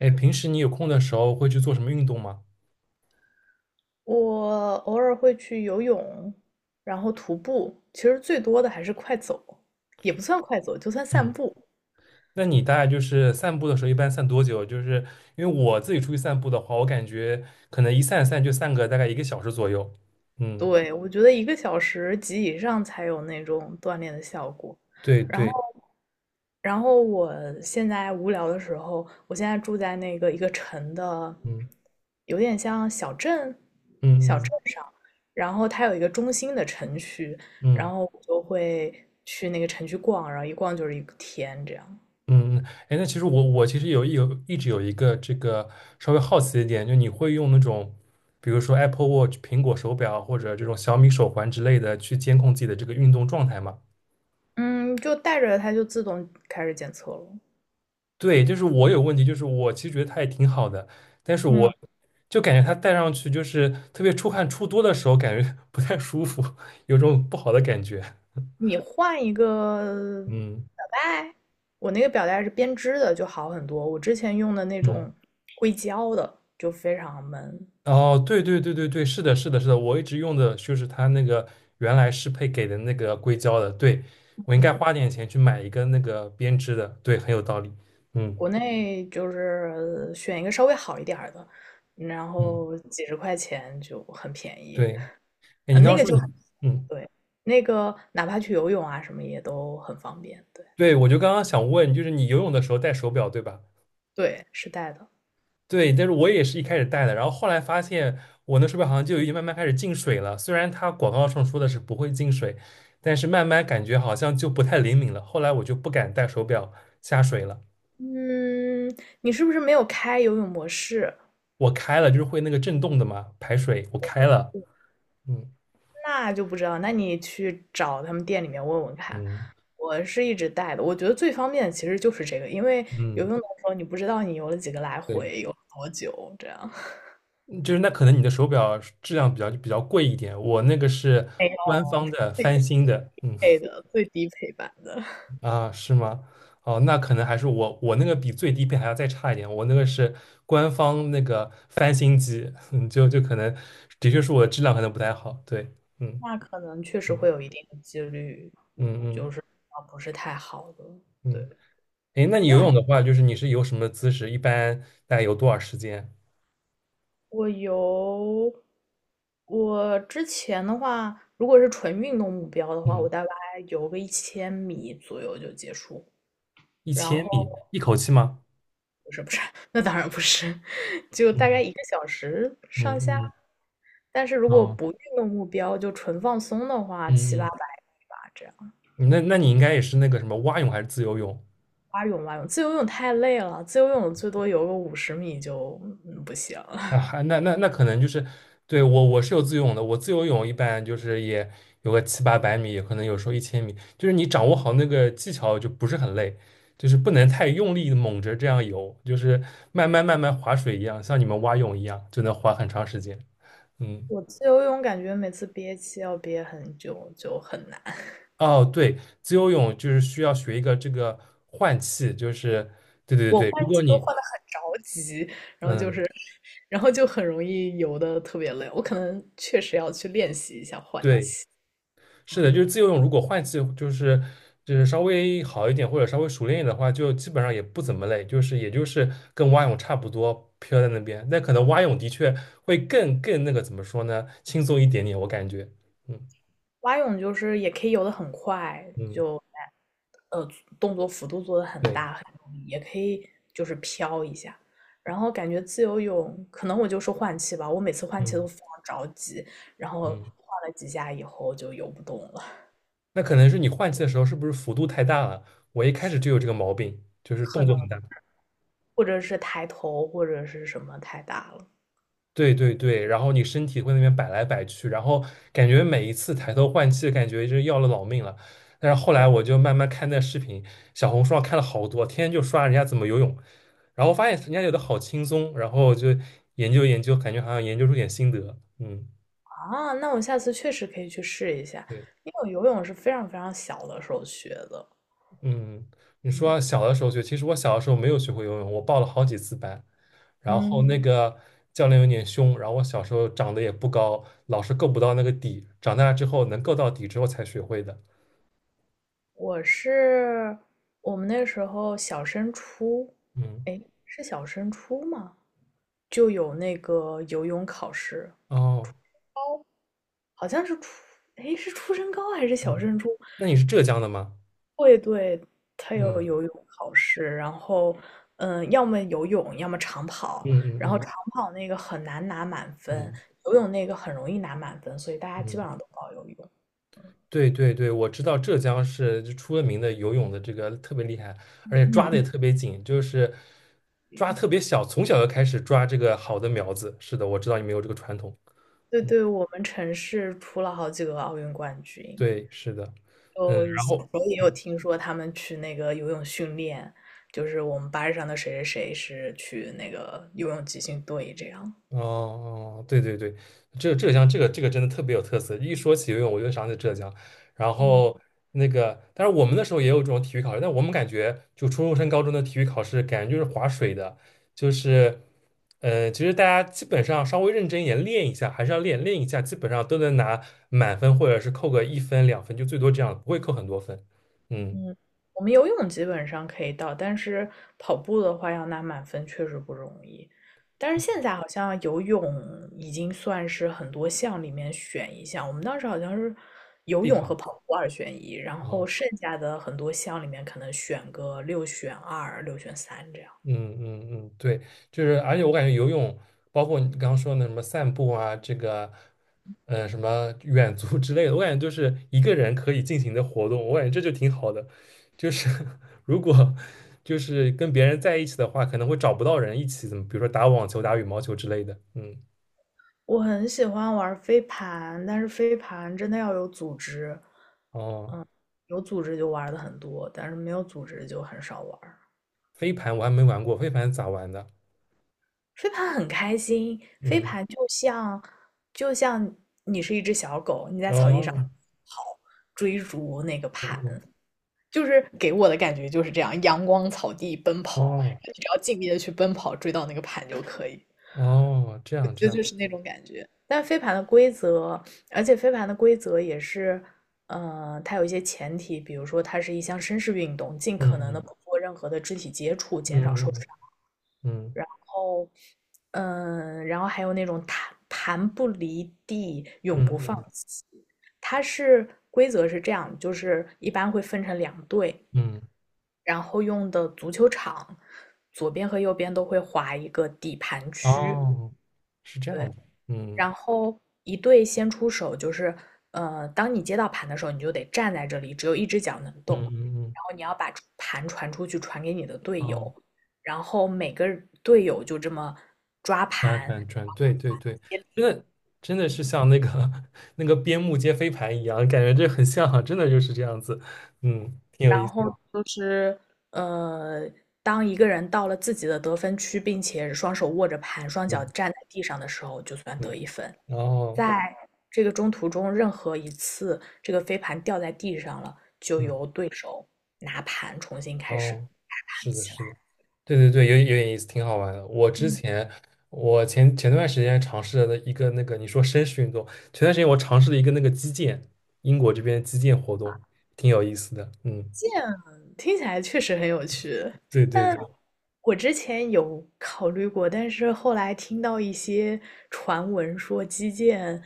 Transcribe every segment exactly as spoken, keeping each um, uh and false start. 哎，平时你有空的时候会去做什么运动吗？我偶尔会去游泳，然后徒步，其实最多的还是快走，也不算快走，就算散嗯，步。那你大概就是散步的时候一般散多久？就是因为我自己出去散步的话，我感觉可能一散散就散个大概一个小时左右。嗯，对，我觉得一个小时及以上才有那种锻炼的效果。对然后，对，然后我现在无聊的时候，我现在住在那个一个城的，嗯有点像小镇，嗯小嗯镇上，然后它有一个中心的城区，然嗯后我就会去那个城区逛，然后一逛就是一个天这样。嗯。哎，那其实我我其实有有一直有一个这个稍微好奇一点，就你会用那种比如说 Apple Watch 苹果手表或者这种小米手环之类的去监控自己的这个运动状态吗？嗯，就带着它就自动开始检测了。对，就是我有问题，就是我其实觉得它也挺好的，但是我嗯，就感觉它戴上去就是特别出汗出多的时候，感觉 不太舒服，有种不好的感觉。你换一个嗯表带，我那个表带是编织的，就好很多。我之前用的那嗯，种硅胶的就非常闷，哦，对对对对对，是的，是的，是的，我一直用的就是它那个原来适配给的那个硅胶的，对，我应该花点钱去买一个那个编织的，对，很有道理。嗯国内就是选一个稍微好一点儿的，然嗯，后几十块钱就很便宜。对，哎，呃，你刚那刚个说就你，嗯，对，那个哪怕去游泳啊什么也都很方便。对对，我就刚刚想问，就是你游泳的时候戴手表对吧？对，是带的。对，但是我也是一开始戴的，然后后来发现我那手表好像就已经慢慢开始进水了。虽然它广告上说的是不会进水，但是慢慢感觉好像就不太灵敏了。后来我就不敢戴手表下水了。嗯，你是不是没有开游泳模式？我开了，就是会那个震动的嘛，排水，我开了。嗯那就不知道，那你去找他们店里面问问看。嗯我是一直带的，我觉得最方便的其实就是这个，因为游嗯，泳的时候你不知道你游了几个来对，回，游了多久，这样 嗯就是那可能你的手表质量比较比较贵一点，我那个是没官有方的翻新的。嗯。配的最低配版的，啊，是吗？哦，那可能还是我我那个比最低配还要再差一点，我那个是官方那个翻新机，嗯，就就可能的确是我的质量可能不太好，对，嗯那可能确实会嗯有一定的几率，嗯就嗯是啊不是太好的。对，嗯，哎，那手你表游泳的话，就是你是游什么姿势？一般大概游多少时间？我游，我之前的话，如果是纯运动目标的话，我嗯，大概游个一千米左右就结束，一然千后。米一口气吗？不是不是，那当然不是，就大概嗯一个小时上下。嗯但是如嗯果啊不运动目标，就纯放松的话，七八嗯百米吧，这样。嗯，那那你应该也是那个什么蛙泳还是自由泳？蛙泳蛙泳，自由泳太累了，自由泳最多游个五十米就嗯不行。啊，还那那那可能就是，对，我我是有自由泳的，我自由泳一般就是也有个七八百米，也可能有时候一千米，就是你掌握好那个技巧就不是很累，就是不能太用力的猛着这样游，就是慢慢慢慢划水一样，像你们蛙泳一样，就能划很长时间。嗯，我自由泳感觉每次憋气要憋很久，就很难。哦，对，自由泳就是需要学一个这个换气，就是对对我对，换如果气都你换的很着急，嗯然后就很容易游的特别累。我可能确实要去练习一下换对。气。是的，就是嗯自由泳，如果换气就是就是稍微好一点或者稍微熟练一点的话，就基本上也不怎么累，就是也就是跟蛙泳差不多飘在那边。那可能蛙泳的确会更更那个怎么说呢，轻松一点点，我感觉。嗯蛙泳就是也可以游得很快，嗯，就呃动作幅度做得很对，大很用力，也可以就是飘一下。然后感觉自由泳，可能我就是换气吧，我每次换气都嗯非常着急，然后嗯，换了几下以后就游不动了，那可能是你换气的时候是不是幅度太大了？我一开始就有这个毛病，就是可动作很能大。或者是抬头或者是什么太大了对对对，然后你身体会那边摆来摆去，然后感觉每一次抬头换气，感觉就是要了老命了。但是后来我就慢慢看那视频，小红书上看了好多，天天就刷人家怎么游泳，然后发现人家游的好轻松，然后就研究研究，感觉好像研究出点心得。嗯，啊。那我下次确实可以去试一下，对。因为我游泳是非常非常小的时候学的，嗯，你嗯说小的时候学，其实我小的时候没有学会游泳，我报了好几次班，然后嗯。那个教练有点凶，然后我小时候长得也不高，老是够不到那个底，长大之后能够到底之后才学会的。我是我们那时候小升初，嗯，哎，是小升初吗？就有那个游泳考试，哦，好像是初，哎，是初升高还是小嗯，升初？那你是浙江的吗？会对，他有嗯游泳考试，然后，嗯，要么游泳，要么长跑，嗯然嗯后嗯长跑那个很难拿满分，嗯游泳那个很容易拿满分，所以大家基嗯。本上都报游泳。对对对，我知道浙江是就出了名的游泳的这个特别厉害，而且抓的也嗯特别紧，就是抓嗯，特别小，从小就开始抓这个好的苗子。是的，我知道你们有这个传统。对对，我们城市出了好几个奥运冠军。对，是的，就嗯，然小时后。候也有听说他们去那个游泳训练，就是我们班上的谁谁谁是去那个游泳集训队这样。哦哦，对对对，浙浙江这个这个真的特别有特色。一说起游泳，我就想起浙江。然后那个，但是我们那时候也有这种体育考试，但我们感觉就初中升高中的体育考试，感觉就是划水的，就是，呃，其实大家基本上稍微认真一点练一下，还是要练练一下，基本上都能拿满分或者是扣个一分两分，就最多这样，不会扣很多分。嗯，嗯，我们游泳基本上可以到，但是跑步的话要拿满分确实不容易。但是现在好像游泳已经算是很多项里面选一项，我们当时好像是游必泳和考。跑步二选一，然后哦剩下的很多项里面可能选个六选二、六选三这样。嗯嗯嗯，对，就是而且我感觉游泳，包括你刚刚说的什么散步啊，这个，呃，什么远足 之类的，我感觉就是一个人可以进行的活动，我感觉这就挺好的。就是 如果就是跟别人在一起的话，可能会找不到人一起，怎么比如说打网球、打羽毛球之类的。嗯，我很喜欢玩飞盘，但是飞盘真的要有组织，哦，有组织就玩的很多，但是没有组织就很少玩飞盘我还没玩过，飞盘咋玩的？飞盘很开心，飞嗯，盘就像就像你是一只小狗，你在草地上哦，跑，追逐那个盘，哦就是给我的感觉就是这样，阳光草地奔跑，哦你只要尽力的去奔跑，追到那个盘就可以。哦，这样这就样，就是那种感觉。但飞盘的规则，而且飞盘的规则也是，呃，它有一些前提，比如说它是一项绅士运动，尽可嗯能的嗯不做任何的肢体接触，减少受嗯伤。嗯然后，嗯，然后还有那种弹盘不离地，永嗯不嗯嗯放嗯。弃。它是规则是这样，就是一般会分成两队，嗯然后用的足球场左边和右边都会划一个底盘区，哦，是这样对，的，嗯然后一队先出手，就是呃，当你接到盘的时候，你就得站在这里，只有一只脚能动，嗯嗯嗯，然后你要把盘传出去，传给你的队哦，友，然后每个队友就这么抓转盘，转转，对对对，真的真的是像那个 那个边牧接飞盘一样，感觉这很像啊真的就是这样子，嗯，挺有意然思后的，就是呃，当一个人到了自己的得分区，并且双手握着盘，双脚嗯站在地上的时候，就算得嗯，一分。哦在这个中途中，任何一次这个飞盘掉在地上了，就嗯由对手拿盘重新开始哦，打盘是的，起来。是的，对对对，有有点意思，挺好玩的。我之嗯前我前前段时间尝试了一个那个你说绅士运动，前段时间我尝试了一个那个击剑，英国这边击剑活动，挺有意思的，嗯。这样听起来确实很有趣，对对但对，我之前有考虑过，但是后来听到一些传闻说击剑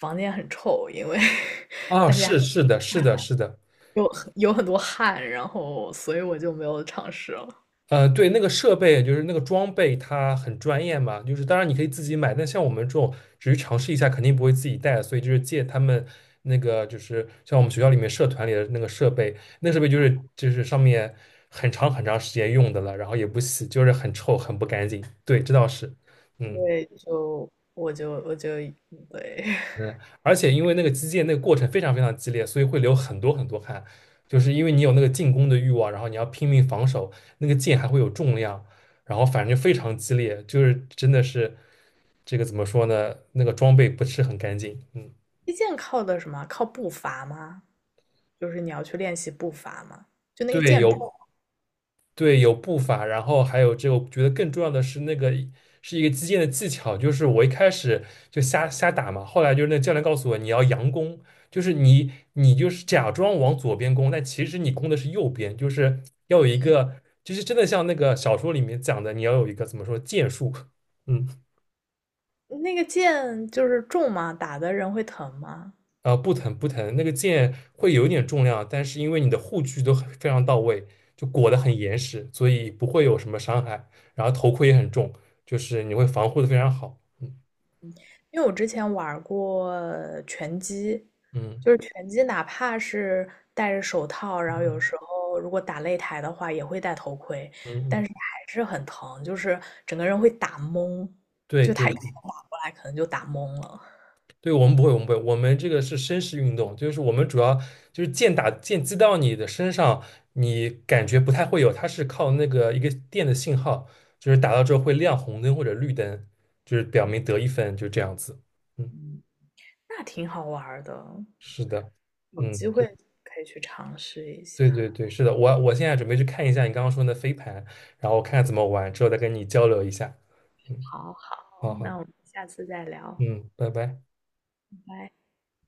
房间很臭，因为 啊，是是的，是的，是的，有有很多汗，然后所以我就没有尝试了。呃，对，那个设备就是那个装备，它很专业嘛，就是当然你可以自己买，但像我们这种只是尝试一下，肯定不会自己带，所以就是借他们那个，就是像我们学校里面社团里的那个设备，那设备就是就是上面很长很长时间用的了，然后也不洗，就是很臭，很不干净。对，这倒是，嗯。对，就我就我就对。嗯，而且因为那个击剑那个过程非常非常激烈，所以会流很多很多汗，就是因为你有那个进攻的欲望，然后你要拼命防守，那个剑还会有重量，然后反正就非常激烈，就是真的是这个怎么说呢？那个装备不是很干净，嗯，击剑靠的什么？靠步伐吗？就是你要去练习步伐吗？就那个对，剑有。重，对，有步伐，然后还有这个，我觉得更重要的是那个是一个击剑的技巧，就是我一开始就瞎瞎打嘛，后来就是那教练告诉我你要佯攻，就是你你就是假装往左边攻，但其实你攻的是右边，就是要有一个，就是真的像那个小说里面讲的，你要有一个怎么说剑术，嗯。那个剑就是重吗？打的人会疼吗？呃，不疼不疼，那个剑会有一点重量，但是因为你的护具都很非常到位，就裹得很严实，所以不会有什么伤害。然后头盔也很重，就是你会防护的非常好。嗯因为我之前玩过拳击，嗯就是拳击，哪怕是戴着手套，然后有嗯时候如果打擂台的话，也会戴头盔，嗯但嗯，是还是很疼，就是整个人会打懵，对就他对一拳打过来，可能就打懵了。对，我们不会，我们不会，我们这个是绅士运动，就是我们主要就是剑打剑击到你的身上，你感觉不太会有，它是靠那个一个电的信号，就是打到之后会亮红灯或者绿灯，就是表明得一分，就这样子。嗯。嗯，那挺好玩的，是的，有机嗯，会可以去尝试一下。对对对，是的，我我现在准备去看一下你刚刚说的飞盘，然后看看怎么玩，之后再跟你交流一下。嗯，好好，好那好，我们下次再聊，嗯，拜拜。拜拜。